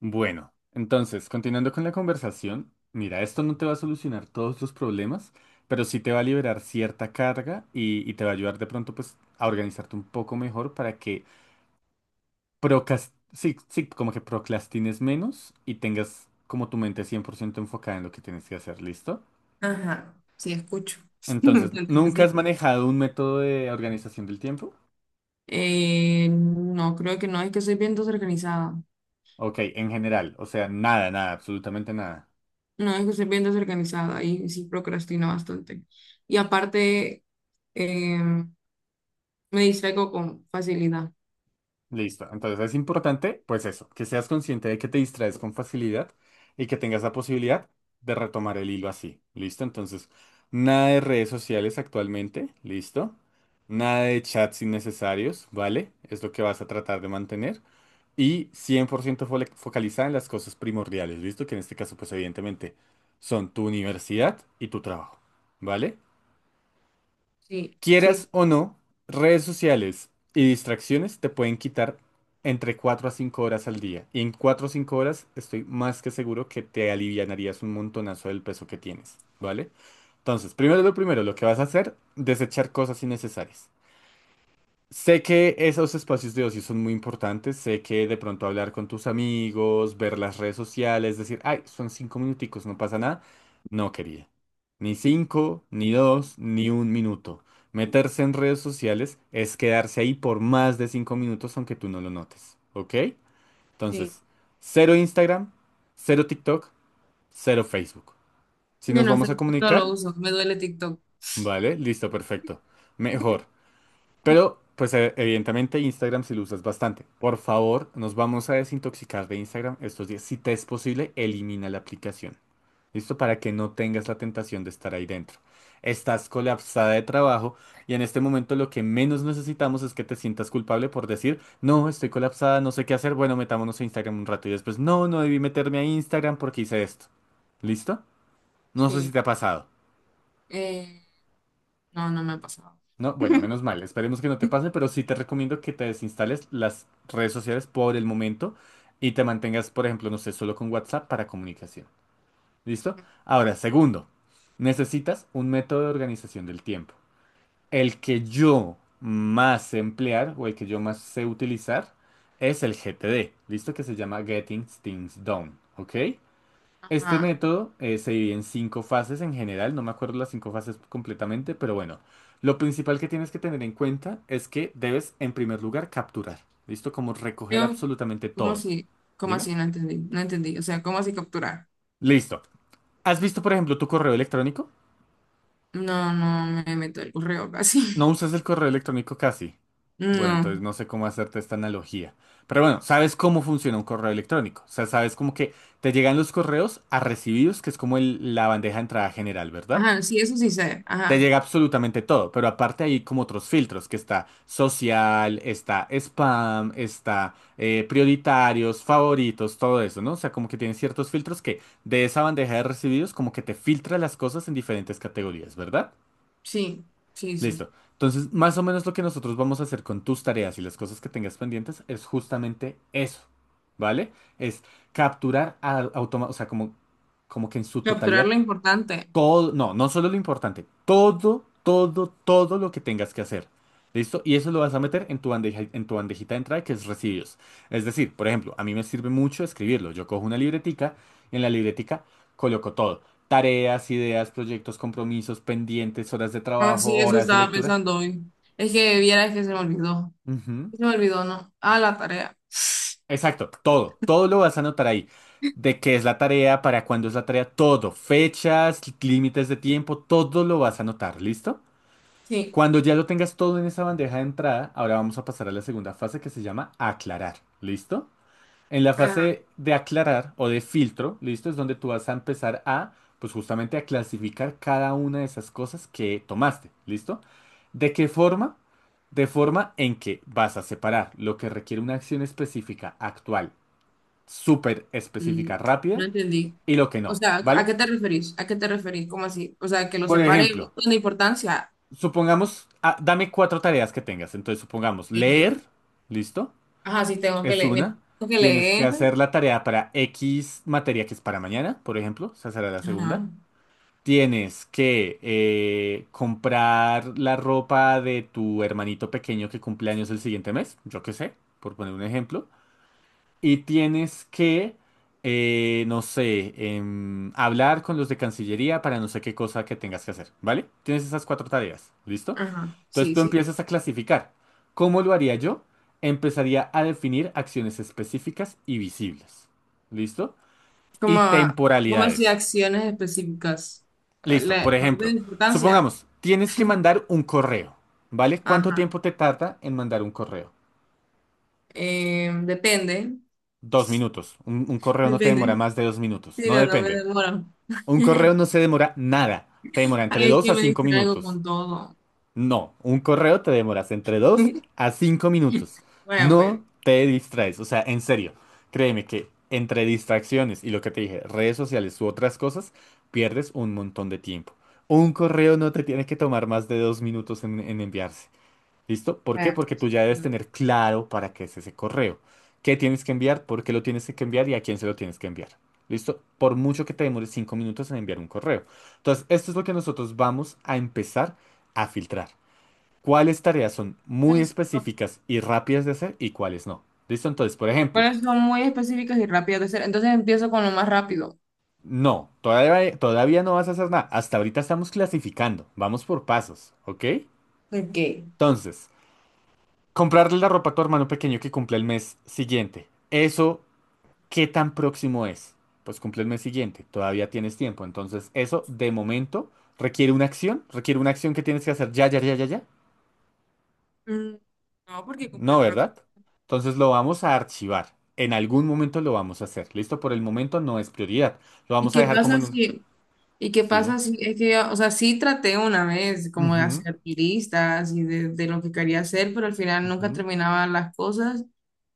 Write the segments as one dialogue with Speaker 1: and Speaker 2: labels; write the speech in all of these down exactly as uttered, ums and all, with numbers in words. Speaker 1: Bueno, entonces, continuando con la conversación, mira, esto no te va a solucionar todos los problemas, pero sí te va a liberar cierta carga y, y te va a ayudar de pronto pues a organizarte un poco mejor para que procas- sí, sí, como que procrastines menos y tengas como tu mente cien por ciento enfocada en lo que tienes que hacer, ¿listo?
Speaker 2: Ajá, sí, escucho.
Speaker 1: Entonces,
Speaker 2: Lo
Speaker 1: ¿nunca has
Speaker 2: entendí.
Speaker 1: manejado un método de organización del tiempo?
Speaker 2: Eh, no, creo que no. Es que soy bien desorganizada.
Speaker 1: Ok, en general, o sea, nada, nada, absolutamente nada.
Speaker 2: No, es que soy bien desorganizada y sí procrastino bastante. Y aparte, eh, me distraigo con facilidad.
Speaker 1: Listo. Entonces es importante, pues eso, que seas consciente de que te distraes con facilidad y que tengas la posibilidad de retomar el hilo así. ¿Listo? Entonces, nada de redes sociales actualmente. ¿Listo? Nada de chats innecesarios, ¿vale? Es lo que vas a tratar de mantener. Y cien por ciento fole- focalizada en las cosas primordiales, ¿listo? Que en este caso, pues evidentemente, son tu universidad y tu trabajo, ¿vale?
Speaker 2: Sí,
Speaker 1: Quieras
Speaker 2: sí,
Speaker 1: o no, redes sociales y distracciones te pueden quitar entre cuatro a cinco horas al día. Y en cuatro o cinco horas estoy más que seguro que te alivianarías un montonazo del peso que tienes, ¿vale? Entonces, primero lo primero, lo que vas a hacer, desechar cosas innecesarias. Sé que esos espacios de ocio son muy importantes, sé que de pronto hablar con tus amigos, ver las redes sociales, decir, ay, son cinco minuticos, no pasa nada. No quería. Ni cinco, ni dos, ni un minuto. Meterse en redes sociales es quedarse ahí por más de cinco minutos aunque tú no lo notes, ¿ok?
Speaker 2: sí.
Speaker 1: Entonces, cero Instagram, cero TikTok, cero Facebook. Si nos
Speaker 2: Bueno,
Speaker 1: vamos a
Speaker 2: Facebook no lo
Speaker 1: comunicar,
Speaker 2: uso, me duele TikTok.
Speaker 1: vale, listo, perfecto. Mejor. Pero, pues e- evidentemente Instagram si lo usas bastante. Por favor, nos vamos a desintoxicar de Instagram estos días. Si te es posible, elimina la aplicación. ¿Listo? Para que no tengas la tentación de estar ahí dentro. Estás colapsada de trabajo y en este momento lo que menos necesitamos es que te sientas culpable por decir, no, estoy colapsada, no sé qué hacer, bueno, metámonos a Instagram un rato y después, no, no debí meterme a Instagram porque hice esto. ¿Listo? No sé si
Speaker 2: Sí.
Speaker 1: te ha pasado.
Speaker 2: Eh, no, no me ha pasado.
Speaker 1: No, bueno, menos mal, esperemos que no te pase, pero sí te recomiendo que te desinstales las redes sociales por el momento y te mantengas, por ejemplo, no sé, solo con WhatsApp para comunicación. ¿Listo? Ahora, segundo, necesitas un método de organización del tiempo. El que yo más sé emplear o el que yo más sé utilizar es el G T D, ¿listo? Que se llama Getting Things Done, ¿ok? Este
Speaker 2: Ajá.
Speaker 1: método eh, se divide en cinco fases en general, no me acuerdo las cinco fases completamente, pero bueno, lo principal que tienes que tener en cuenta es que debes en primer lugar capturar, ¿listo? Como recoger
Speaker 2: Yo,
Speaker 1: absolutamente
Speaker 2: ¿cómo
Speaker 1: todo.
Speaker 2: así? ¿Cómo
Speaker 1: Dime.
Speaker 2: así? No entendí, no entendí. O sea, ¿cómo así capturar?
Speaker 1: Listo. ¿Has visto, por ejemplo, tu correo electrónico?
Speaker 2: No, no me meto el correo casi.
Speaker 1: No usas el correo electrónico casi. Bueno, entonces
Speaker 2: No.
Speaker 1: no sé cómo hacerte esta analogía. Pero bueno, sabes cómo funciona un correo electrónico. O sea, sabes como que te llegan los correos a recibidos, que es como el- la bandeja de entrada general, ¿verdad?
Speaker 2: Ajá, sí, eso sí sé.
Speaker 1: Te
Speaker 2: Ajá,
Speaker 1: llega absolutamente todo, pero aparte hay como otros filtros, que está social, está spam, está eh, prioritarios, favoritos, todo eso, ¿no? O sea, como que tienen ciertos filtros que de esa bandeja de recibidos como que te filtra las cosas en diferentes categorías, ¿verdad?
Speaker 2: sí, sí, sí.
Speaker 1: Listo. Entonces, más o menos lo que nosotros vamos a hacer con tus tareas y las cosas que tengas pendientes es justamente eso, ¿vale? Es capturar a, automa- o sea, como, como que en su
Speaker 2: Capturar
Speaker 1: totalidad
Speaker 2: lo importante.
Speaker 1: todo, no, no solo lo importante, todo, todo, todo lo que tengas que hacer. ¿Listo? Y eso lo vas a meter en tu bandeja, en tu bandejita de entrada, que es residuos. Es decir, por ejemplo, a mí me sirve mucho escribirlo. Yo cojo una libretica y en la libretica coloco todo. Tareas, ideas, proyectos, compromisos, pendientes, horas de
Speaker 2: Ah,
Speaker 1: trabajo,
Speaker 2: sí, eso
Speaker 1: horas de
Speaker 2: estaba
Speaker 1: lectura.
Speaker 2: pensando hoy. Es que vieras que se me olvidó.
Speaker 1: Ujú.
Speaker 2: Se me olvidó, ¿no? Ah, la tarea.
Speaker 1: Exacto, todo, todo lo vas a anotar ahí. De qué es la tarea, para cuándo es la tarea, todo, fechas, límites de tiempo, todo lo vas a anotar, ¿listo?
Speaker 2: Sí.
Speaker 1: Cuando ya lo tengas todo en esa bandeja de entrada, ahora vamos a pasar a la segunda fase que se llama aclarar. ¿Listo? En la
Speaker 2: Ajá.
Speaker 1: fase de aclarar o de filtro, ¿listo? Es donde tú vas a empezar a, pues justamente a clasificar cada una de esas cosas que tomaste. ¿Listo? ¿De qué forma? De forma en que vas a separar lo que requiere una acción específica, actual, súper
Speaker 2: Mm,
Speaker 1: específica, rápida,
Speaker 2: no entendí.
Speaker 1: y lo que
Speaker 2: O
Speaker 1: no,
Speaker 2: sea, ¿a
Speaker 1: ¿vale?
Speaker 2: qué te referís? ¿A qué te referís? ¿Cómo así? O sea, que lo
Speaker 1: Por
Speaker 2: separe
Speaker 1: ejemplo,
Speaker 2: con importancia.
Speaker 1: supongamos, ah, dame cuatro tareas que tengas. Entonces, supongamos,
Speaker 2: Eh,
Speaker 1: leer, ¿listo?
Speaker 2: ajá, sí, tengo que
Speaker 1: Es
Speaker 2: leer.
Speaker 1: una.
Speaker 2: Tengo que
Speaker 1: Tienes que
Speaker 2: leer.
Speaker 1: hacer la tarea para X materia que es para mañana, por ejemplo. Esa será la
Speaker 2: Ajá,
Speaker 1: segunda. Tienes que eh, comprar la ropa de tu hermanito pequeño que cumple años el siguiente mes, yo qué sé, por poner un ejemplo. Y tienes que, eh, no sé, em, hablar con los de Cancillería para no sé qué cosa que tengas que hacer, ¿vale? Tienes esas cuatro tareas, ¿listo?
Speaker 2: ajá,
Speaker 1: Entonces
Speaker 2: sí,
Speaker 1: tú
Speaker 2: sí.
Speaker 1: empiezas a clasificar. ¿Cómo lo haría yo? Empezaría a definir acciones específicas y visibles. ¿Listo?
Speaker 2: Como,
Speaker 1: Y
Speaker 2: como así
Speaker 1: temporalidades.
Speaker 2: acciones específicas?
Speaker 1: Listo.
Speaker 2: La,
Speaker 1: Por
Speaker 2: la
Speaker 1: ejemplo,
Speaker 2: orden de importancia.
Speaker 1: supongamos, tienes que mandar un correo, ¿vale? ¿Cuánto
Speaker 2: Ajá.
Speaker 1: tiempo te tarda en mandar un correo?
Speaker 2: Eh, depende.
Speaker 1: Dos minutos. Un, un correo no te demora
Speaker 2: Depende.
Speaker 1: más de dos minutos.
Speaker 2: Si
Speaker 1: No
Speaker 2: no, no me
Speaker 1: depende.
Speaker 2: demoro.
Speaker 1: Un correo no se demora nada. Te demora entre
Speaker 2: Ay, es
Speaker 1: dos
Speaker 2: que
Speaker 1: a
Speaker 2: me
Speaker 1: cinco
Speaker 2: distraigo
Speaker 1: minutos.
Speaker 2: con todo.
Speaker 1: No, un correo te demoras entre dos a cinco minutos.
Speaker 2: Bueno,
Speaker 1: No
Speaker 2: pues.
Speaker 1: te distraes, o sea, en serio, créeme que entre distracciones y lo que te dije, redes sociales u otras cosas, pierdes un montón de tiempo. Un correo no te tiene que tomar más de dos minutos en, en enviarse. ¿Listo? ¿Por qué?
Speaker 2: Bueno,
Speaker 1: Porque tú
Speaker 2: pues.
Speaker 1: ya debes tener claro para qué es ese correo. ¿Qué tienes que enviar? ¿Por qué lo tienes que enviar? ¿Y a quién se lo tienes que enviar? ¿Listo? Por mucho que te demores cinco minutos en enviar un correo. Entonces, esto es lo que nosotros vamos a empezar a filtrar cuáles tareas son muy
Speaker 2: Entonces,
Speaker 1: específicas y rápidas de hacer y cuáles no. ¿Listo? Entonces, por ejemplo,
Speaker 2: pero son muy específicas y rápidas de hacer. Entonces empiezo con lo más rápido.
Speaker 1: no, todavía, todavía no vas a hacer nada. Hasta ahorita estamos clasificando. Vamos por pasos, ¿ok?
Speaker 2: ¿Por qué?
Speaker 1: Entonces, comprarle la ropa a tu hermano pequeño que cumple el mes siguiente. ¿Eso qué tan próximo es? Pues cumple el mes siguiente. Todavía tienes tiempo. Entonces, eso de momento requiere una acción. Requiere una acción que tienes que hacer ya, ya, ya, ya, ya.
Speaker 2: Mm, no, porque cumple
Speaker 1: No,
Speaker 2: el próximo.
Speaker 1: ¿verdad? Entonces lo vamos a archivar. En algún momento lo vamos a hacer. Listo, por el momento no es prioridad. Lo
Speaker 2: ¿Y
Speaker 1: vamos a
Speaker 2: qué
Speaker 1: dejar como
Speaker 2: pasa
Speaker 1: en un...
Speaker 2: si, ¿y qué
Speaker 1: Sí.
Speaker 2: pasa si es que, o sea, sí traté una vez como de
Speaker 1: Ujú,
Speaker 2: hacer listas y de, de lo que quería hacer, pero al final nunca
Speaker 1: ujú.
Speaker 2: terminaba las cosas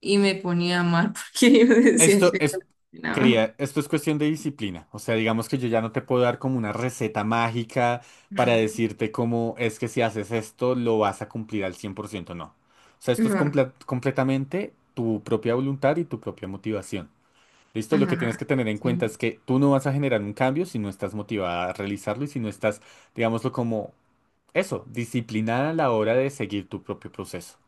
Speaker 2: y me ponía mal porque yo decía
Speaker 1: Esto
Speaker 2: que no
Speaker 1: es...
Speaker 2: terminaba.
Speaker 1: Quería, esto es cuestión de disciplina. O sea, digamos que yo ya no te puedo dar como una receta mágica para decirte cómo es que si haces esto lo vas a cumplir al cien por ciento. No. O sea, esto es
Speaker 2: Ajá,
Speaker 1: comple- completamente tu propia voluntad y tu propia motivación. Listo, lo que tienes
Speaker 2: ajá,
Speaker 1: que tener en cuenta
Speaker 2: sí,
Speaker 1: es que tú no vas a generar un cambio si no estás motivada a realizarlo y si no estás, digámoslo como eso, disciplinada a la hora de seguir tu propio proceso,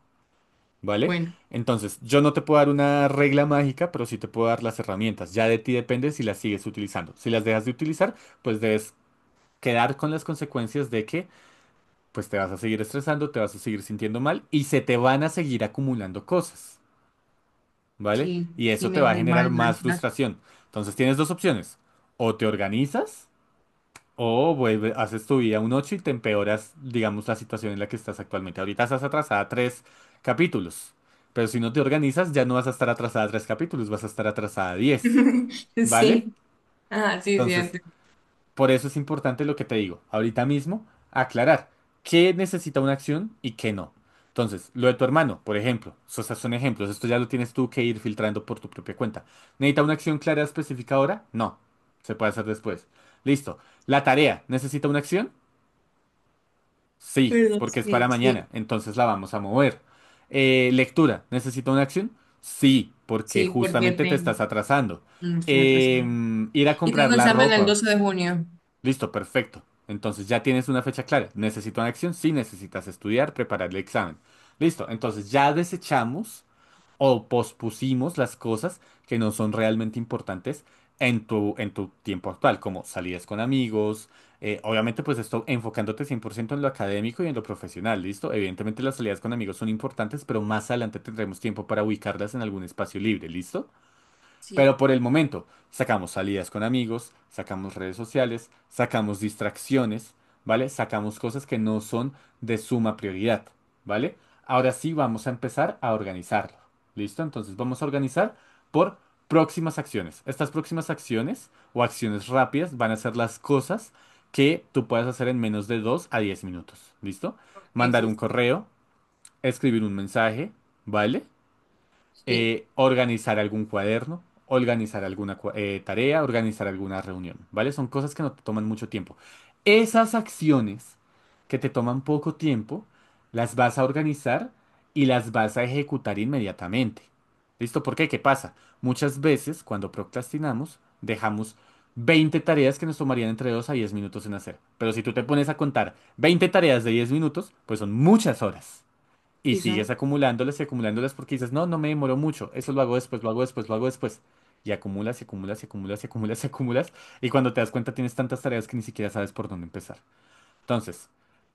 Speaker 1: ¿vale?
Speaker 2: bueno,
Speaker 1: Entonces, yo no te puedo dar una regla mágica, pero sí te puedo dar las herramientas. Ya de ti depende si las sigues utilizando. Si las dejas de utilizar, pues debes quedar con las consecuencias de que, pues te vas a seguir estresando, te vas a seguir sintiendo mal y se te van a seguir acumulando cosas. ¿Vale?
Speaker 2: sí,
Speaker 1: Y
Speaker 2: y
Speaker 1: eso te
Speaker 2: me
Speaker 1: va
Speaker 2: va
Speaker 1: a
Speaker 2: a ir
Speaker 1: generar
Speaker 2: mal en las
Speaker 1: más
Speaker 2: clases.
Speaker 1: frustración. Entonces tienes dos opciones. O te organizas o vuelve, haces tu vida un ocho y te empeoras, digamos, la situación en la que estás actualmente. Ahorita estás atrasada tres capítulos. Pero si no te organizas, ya no vas a estar atrasada tres capítulos, vas a estar atrasada diez, ¿vale?
Speaker 2: Sí, ajá, sí, sí,
Speaker 1: Entonces,
Speaker 2: antes.
Speaker 1: por eso es importante lo que te digo, ahorita mismo, aclarar qué necesita una acción y qué no. Entonces, lo de tu hermano, por ejemplo, esos son ejemplos, esto ya lo tienes tú que ir filtrando por tu propia cuenta. ¿Necesita una acción clara específica ahora? No, se puede hacer después. Listo. ¿La tarea necesita una acción? Sí,
Speaker 2: Perdón,
Speaker 1: porque es
Speaker 2: sí,
Speaker 1: para mañana,
Speaker 2: sí,
Speaker 1: entonces la vamos a mover. Eh, ¿lectura necesita una acción? Sí, porque
Speaker 2: sí, porque
Speaker 1: justamente te
Speaker 2: tengo,
Speaker 1: estás atrasando.
Speaker 2: no estoy atrasado.
Speaker 1: Em, ir a
Speaker 2: Y
Speaker 1: comprar
Speaker 2: tengo
Speaker 1: la
Speaker 2: examen el
Speaker 1: ropa.
Speaker 2: doce de junio.
Speaker 1: Listo, perfecto. Entonces ya tienes una fecha clara. ¿Necesito una acción? Sí, necesitas estudiar, preparar el examen. Listo, entonces ya desechamos o pospusimos las cosas que no son realmente importantes en tu, en tu tiempo actual, como salidas con amigos. Eh, obviamente, pues esto enfocándote cien por ciento en lo académico y en lo profesional, ¿listo? Evidentemente las salidas con amigos son importantes, pero más adelante tendremos tiempo para ubicarlas en algún espacio libre, ¿listo?
Speaker 2: Sí,
Speaker 1: Pero por el momento, sacamos salidas con amigos, sacamos redes sociales, sacamos distracciones, ¿vale? Sacamos cosas que no son de suma prioridad, ¿vale? Ahora sí vamos a empezar a organizarlo. ¿Listo? Entonces vamos a organizar por próximas acciones. Estas próximas acciones o acciones rápidas van a ser las cosas que tú puedas hacer en menos de dos a diez minutos. ¿Listo?
Speaker 2: ok, sí,
Speaker 1: Mandar un
Speaker 2: sí,
Speaker 1: correo, escribir un mensaje, ¿vale?
Speaker 2: sí,
Speaker 1: Eh, organizar algún cuaderno, organizar alguna cua- eh, tarea, organizar alguna reunión, ¿vale? Son cosas que no te toman mucho tiempo. Esas acciones que te toman poco tiempo, las vas a organizar y las vas a ejecutar inmediatamente. ¿Listo? ¿Por qué? ¿Qué pasa? Muchas veces cuando procrastinamos, dejamos veinte tareas que nos tomarían entre dos a diez minutos en hacer. Pero si tú te pones a contar veinte tareas de diez minutos, pues son muchas horas. Y
Speaker 2: y
Speaker 1: sigues
Speaker 2: son,
Speaker 1: acumulándolas y acumulándolas porque dices, no, no me demoró mucho, eso lo hago después, lo hago después, lo hago después. Y acumulas y acumulas y acumulas y acumulas y acumulas. Y cuando te das cuenta tienes tantas tareas que ni siquiera sabes por dónde empezar. Entonces,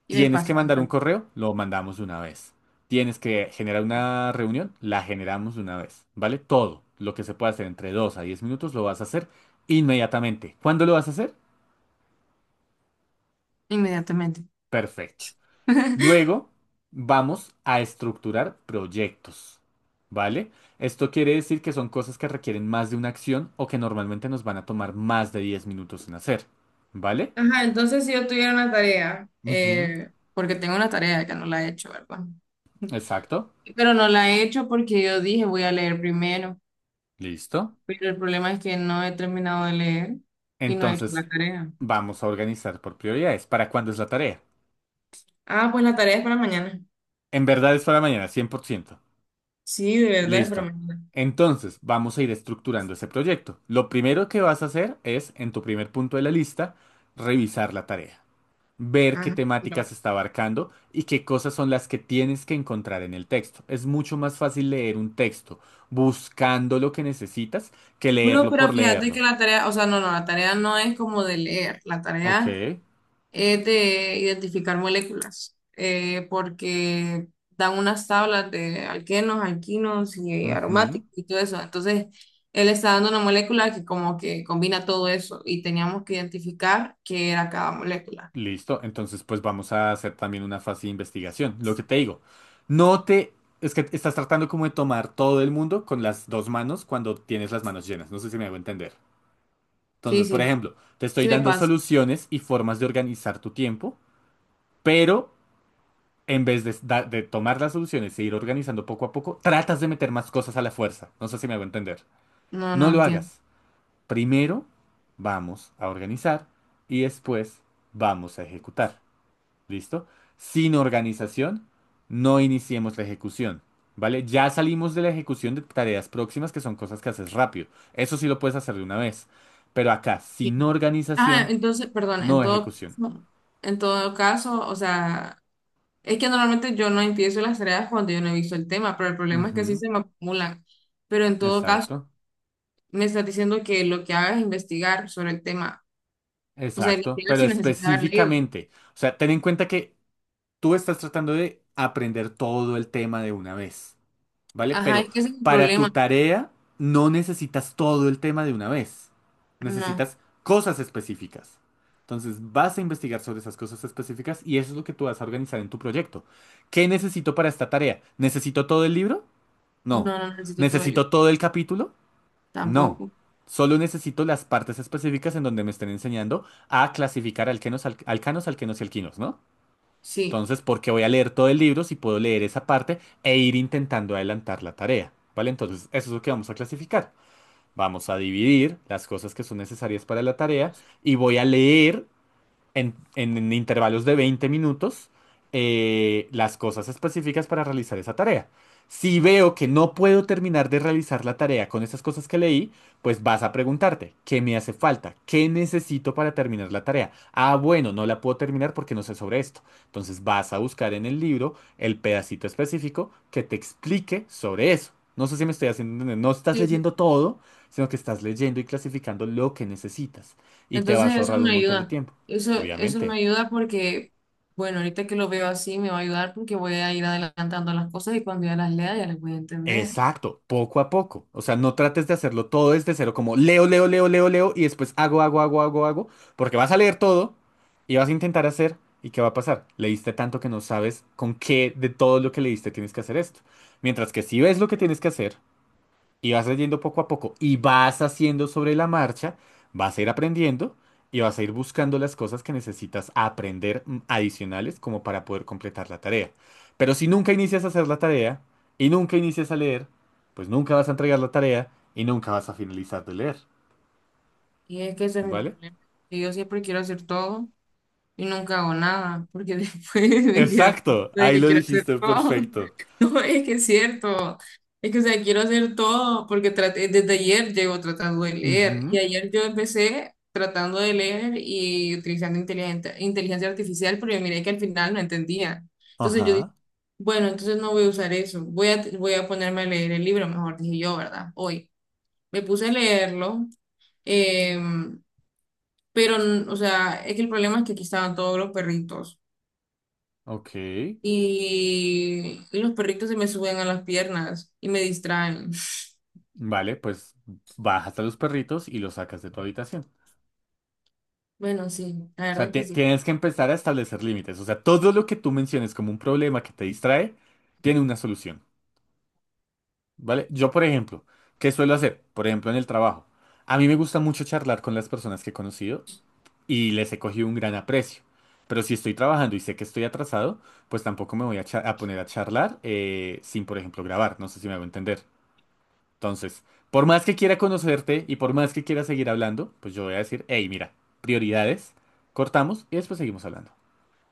Speaker 2: y me
Speaker 1: tienes que
Speaker 2: pasa
Speaker 1: mandar un
Speaker 2: bastante.
Speaker 1: correo, lo mandamos de una vez. Tienes que generar una reunión, la generamos de una vez. ¿Vale? Todo lo que se puede hacer entre dos a diez minutos lo vas a hacer inmediatamente. ¿Cuándo lo vas a hacer?
Speaker 2: Inmediatamente.
Speaker 1: Perfecto. Luego vamos a estructurar proyectos, ¿vale? Esto quiere decir que son cosas que requieren más de una acción o que normalmente nos van a tomar más de diez minutos en hacer, ¿vale?
Speaker 2: Ajá, entonces si yo tuviera una tarea,
Speaker 1: Ujú,
Speaker 2: eh, porque tengo una tarea que no la he hecho, ¿verdad?
Speaker 1: exacto.
Speaker 2: Pero no la he hecho porque yo dije voy a leer primero.
Speaker 1: Listo.
Speaker 2: Pero el problema es que no he terminado de leer y no he hecho
Speaker 1: Entonces,
Speaker 2: la tarea.
Speaker 1: vamos a organizar por prioridades. ¿Para cuándo es la tarea?
Speaker 2: Ah, pues la tarea es para mañana.
Speaker 1: En verdad es para mañana, cien por ciento.
Speaker 2: Sí, de verdad es para
Speaker 1: Listo.
Speaker 2: mañana.
Speaker 1: Entonces, vamos a ir estructurando ese proyecto. Lo primero que vas a hacer es, en tu primer punto de la lista, revisar la tarea. Ver qué
Speaker 2: Ajá, sí,
Speaker 1: temáticas
Speaker 2: claro.
Speaker 1: está abarcando y qué cosas son las que tienes que encontrar en el texto. Es mucho más fácil leer un texto buscando lo que necesitas que
Speaker 2: No,
Speaker 1: leerlo
Speaker 2: pero
Speaker 1: por
Speaker 2: fíjate que
Speaker 1: leerlo.
Speaker 2: la tarea, o sea, no, no, la tarea no es como de leer. La
Speaker 1: Ok.
Speaker 2: tarea es de identificar moléculas, eh, porque dan unas tablas de alquenos, alquinos y
Speaker 1: Ujú.
Speaker 2: aromáticos y todo eso. Entonces, él está dando una molécula que como que combina todo eso y teníamos que identificar qué era cada molécula.
Speaker 1: Listo. Entonces, pues vamos a hacer también una fase de investigación. Lo que te digo, no te. Es que estás tratando como de tomar todo el mundo con las dos manos cuando tienes las manos llenas. No sé si me hago entender.
Speaker 2: Sí,
Speaker 1: Entonces, por
Speaker 2: sí,
Speaker 1: ejemplo, te estoy
Speaker 2: sí me
Speaker 1: dando
Speaker 2: pasa.
Speaker 1: soluciones y formas de organizar tu tiempo, pero en vez de, da- de tomar las soluciones e ir organizando poco a poco, tratas de meter más cosas a la fuerza. No sé si me hago entender.
Speaker 2: No, no
Speaker 1: No lo
Speaker 2: entiendo.
Speaker 1: hagas. Primero vamos a organizar y después vamos a ejecutar. ¿Listo? Sin organización, no iniciemos la ejecución. ¿Vale? Ya salimos de la ejecución de tareas próximas que son cosas que haces rápido. Eso sí lo puedes hacer de una vez. Pero acá,
Speaker 2: Sí.
Speaker 1: sin
Speaker 2: Ah,
Speaker 1: organización,
Speaker 2: entonces, perdón, en
Speaker 1: no
Speaker 2: todo,
Speaker 1: ejecución.
Speaker 2: en todo caso, o sea, es que normalmente yo no empiezo las tareas cuando yo no he visto el tema, pero el problema es que sí
Speaker 1: Ujú,
Speaker 2: se me acumulan. Pero en todo caso,
Speaker 1: exacto.
Speaker 2: me estás diciendo que lo que hagas es investigar sobre el tema. O sea,
Speaker 1: Exacto,
Speaker 2: investigar
Speaker 1: pero
Speaker 2: sin necesidad de haber leído.
Speaker 1: específicamente, o sea, ten en cuenta que tú estás tratando de aprender todo el tema de una vez, ¿vale?
Speaker 2: Ajá,
Speaker 1: Pero
Speaker 2: es que ese es el
Speaker 1: para tu
Speaker 2: problema.
Speaker 1: tarea no necesitas todo el tema de una vez,
Speaker 2: No,
Speaker 1: necesitas cosas específicas. Entonces vas a investigar sobre esas cosas específicas y eso es lo que tú vas a organizar en tu proyecto. ¿Qué necesito para esta tarea? ¿Necesito todo el libro?
Speaker 2: no,
Speaker 1: No.
Speaker 2: no necesito tu ayuda.
Speaker 1: ¿Necesito todo el capítulo? No,
Speaker 2: Tampoco.
Speaker 1: solo necesito las partes específicas en donde me estén enseñando a clasificar alquenos, al- alcanos, alquenos y alquinos, ¿no?
Speaker 2: Sí.
Speaker 1: Entonces, ¿por qué voy a leer todo el libro si puedo leer esa parte e ir intentando adelantar la tarea? ¿Vale? Entonces, eso es lo que vamos a clasificar. Vamos a dividir las cosas que son necesarias para la tarea y voy a leer en, en- en intervalos de veinte minutos eh, las cosas específicas para realizar esa tarea. Si veo que no puedo terminar de realizar la tarea con esas cosas que leí, pues vas a preguntarte, ¿qué me hace falta? ¿Qué necesito para terminar la tarea? Ah, bueno, no la puedo terminar porque no sé sobre esto. Entonces vas a buscar en el libro el pedacito específico que te explique sobre eso. No sé si me estoy haciendo entender. No estás
Speaker 2: Sí.
Speaker 1: leyendo todo, sino que estás leyendo y clasificando lo que necesitas. Y te
Speaker 2: Entonces
Speaker 1: vas a
Speaker 2: eso
Speaker 1: ahorrar un
Speaker 2: me
Speaker 1: montón de
Speaker 2: ayuda.
Speaker 1: tiempo.
Speaker 2: Eso, eso me
Speaker 1: Obviamente.
Speaker 2: ayuda porque, bueno, ahorita que lo veo así me va a ayudar porque voy a ir adelantando las cosas y cuando ya las lea ya las voy a entender.
Speaker 1: Exacto, poco a poco. O sea, no trates de hacerlo todo desde cero, como leo, leo, leo, leo, leo y después hago, hago, hago, hago, hago, porque vas a leer todo y vas a intentar hacer y ¿qué va a pasar? Leíste tanto que no sabes con qué de todo lo que leíste tienes que hacer esto. Mientras que si ves lo que tienes que hacer, y vas leyendo poco a poco y vas haciendo sobre la marcha, vas a ir aprendiendo y vas a ir buscando las cosas que necesitas aprender mm, adicionales como para poder completar la tarea. Pero si nunca inicias a hacer la tarea y nunca inicias a leer, pues nunca vas a entregar la tarea y nunca vas a finalizar de leer,
Speaker 2: Y es que ese es mi
Speaker 1: ¿vale?
Speaker 2: problema. Que yo siempre quiero hacer todo y nunca hago nada, porque después me quedo pensando
Speaker 1: Exacto,
Speaker 2: de
Speaker 1: ahí
Speaker 2: que
Speaker 1: lo
Speaker 2: quiero hacer
Speaker 1: dijiste
Speaker 2: todo.
Speaker 1: perfecto.
Speaker 2: No, es que es cierto. Es que, o sea, quiero hacer todo, porque traté, desde ayer llevo tratando de leer, y
Speaker 1: Ujú.
Speaker 2: ayer yo empecé tratando de leer y utilizando inteligente- inteligencia artificial, pero yo miré que al final no entendía. Entonces yo dije,
Speaker 1: Ajá,
Speaker 2: bueno, entonces no voy a usar eso, voy a, voy a ponerme a leer el libro, mejor dije yo, ¿verdad? Hoy. Me puse a leerlo, em, pero, o sea, es que el problema es que aquí estaban todos los perritos.
Speaker 1: ok.
Speaker 2: y, y los perritos se me suben a las piernas y me distraen.
Speaker 1: Vale, pues bajas a los perritos y los sacas de tu habitación.
Speaker 2: Bueno, sí, la
Speaker 1: O
Speaker 2: verdad
Speaker 1: sea,
Speaker 2: es que
Speaker 1: te-
Speaker 2: sí.
Speaker 1: tienes que empezar a establecer límites. O sea, todo lo que tú menciones como un problema que te distrae, tiene una solución, ¿vale? Yo, por ejemplo, ¿qué suelo hacer? Por ejemplo, en el trabajo. A mí me gusta mucho charlar con las personas que he conocido y les he cogido un gran aprecio. Pero si estoy trabajando y sé que estoy atrasado, pues tampoco me voy a, cha- a poner a charlar eh, sin, por ejemplo, grabar. No sé si me hago entender. Entonces, por más que quiera conocerte y por más que quiera seguir hablando, pues yo voy a decir, hey, mira, prioridades, cortamos y después seguimos hablando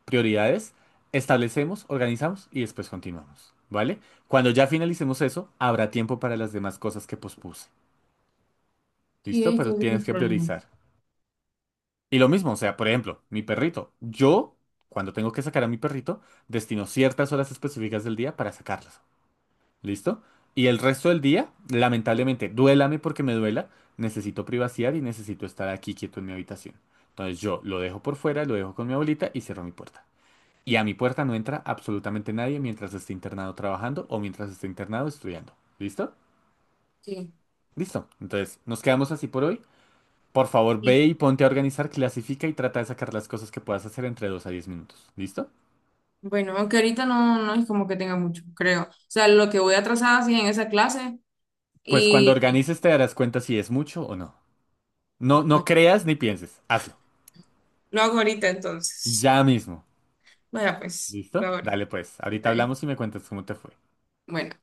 Speaker 1: prioridades, establecemos, organizamos y después continuamos, ¿vale? Cuando ya finalicemos eso, habrá tiempo para las demás cosas que pospuse,
Speaker 2: Sí,
Speaker 1: ¿listo?
Speaker 2: es que
Speaker 1: Pero
Speaker 2: es
Speaker 1: tienes
Speaker 2: el
Speaker 1: que
Speaker 2: problema.
Speaker 1: priorizar. Y lo mismo, o sea, por ejemplo, mi perrito. Yo, cuando tengo que sacar a mi perrito, destino ciertas horas específicas del día para sacarlas, ¿listo? Y el resto del día, lamentablemente, duélame porque me duela, necesito privacidad y necesito estar aquí quieto en mi habitación. Entonces yo lo dejo por fuera, lo dejo con mi abuelita y cierro mi puerta. Y a mi puerta no entra absolutamente nadie mientras esté internado trabajando o mientras esté internado estudiando. ¿Listo?
Speaker 2: Sí.
Speaker 1: Listo. Entonces, nos quedamos así por hoy. Por favor,
Speaker 2: Sí.
Speaker 1: ve y ponte a organizar, clasifica y trata de sacar las cosas que puedas hacer entre dos a diez minutos. ¿Listo?
Speaker 2: Bueno, aunque ahorita no, no es como que tenga mucho, creo. O sea, lo que voy atrasada sí en esa clase
Speaker 1: Pues cuando
Speaker 2: y, y,
Speaker 1: organices te darás cuenta si es mucho o no. No,
Speaker 2: pues,
Speaker 1: no creas ni pienses. Hazlo.
Speaker 2: lo hago ahorita entonces.
Speaker 1: Ya mismo.
Speaker 2: Vaya, pues, lo hago
Speaker 1: ¿Listo?
Speaker 2: ahorita.
Speaker 1: Dale pues. Ahorita
Speaker 2: Está bien.
Speaker 1: hablamos y me cuentas cómo te fue.
Speaker 2: Bueno.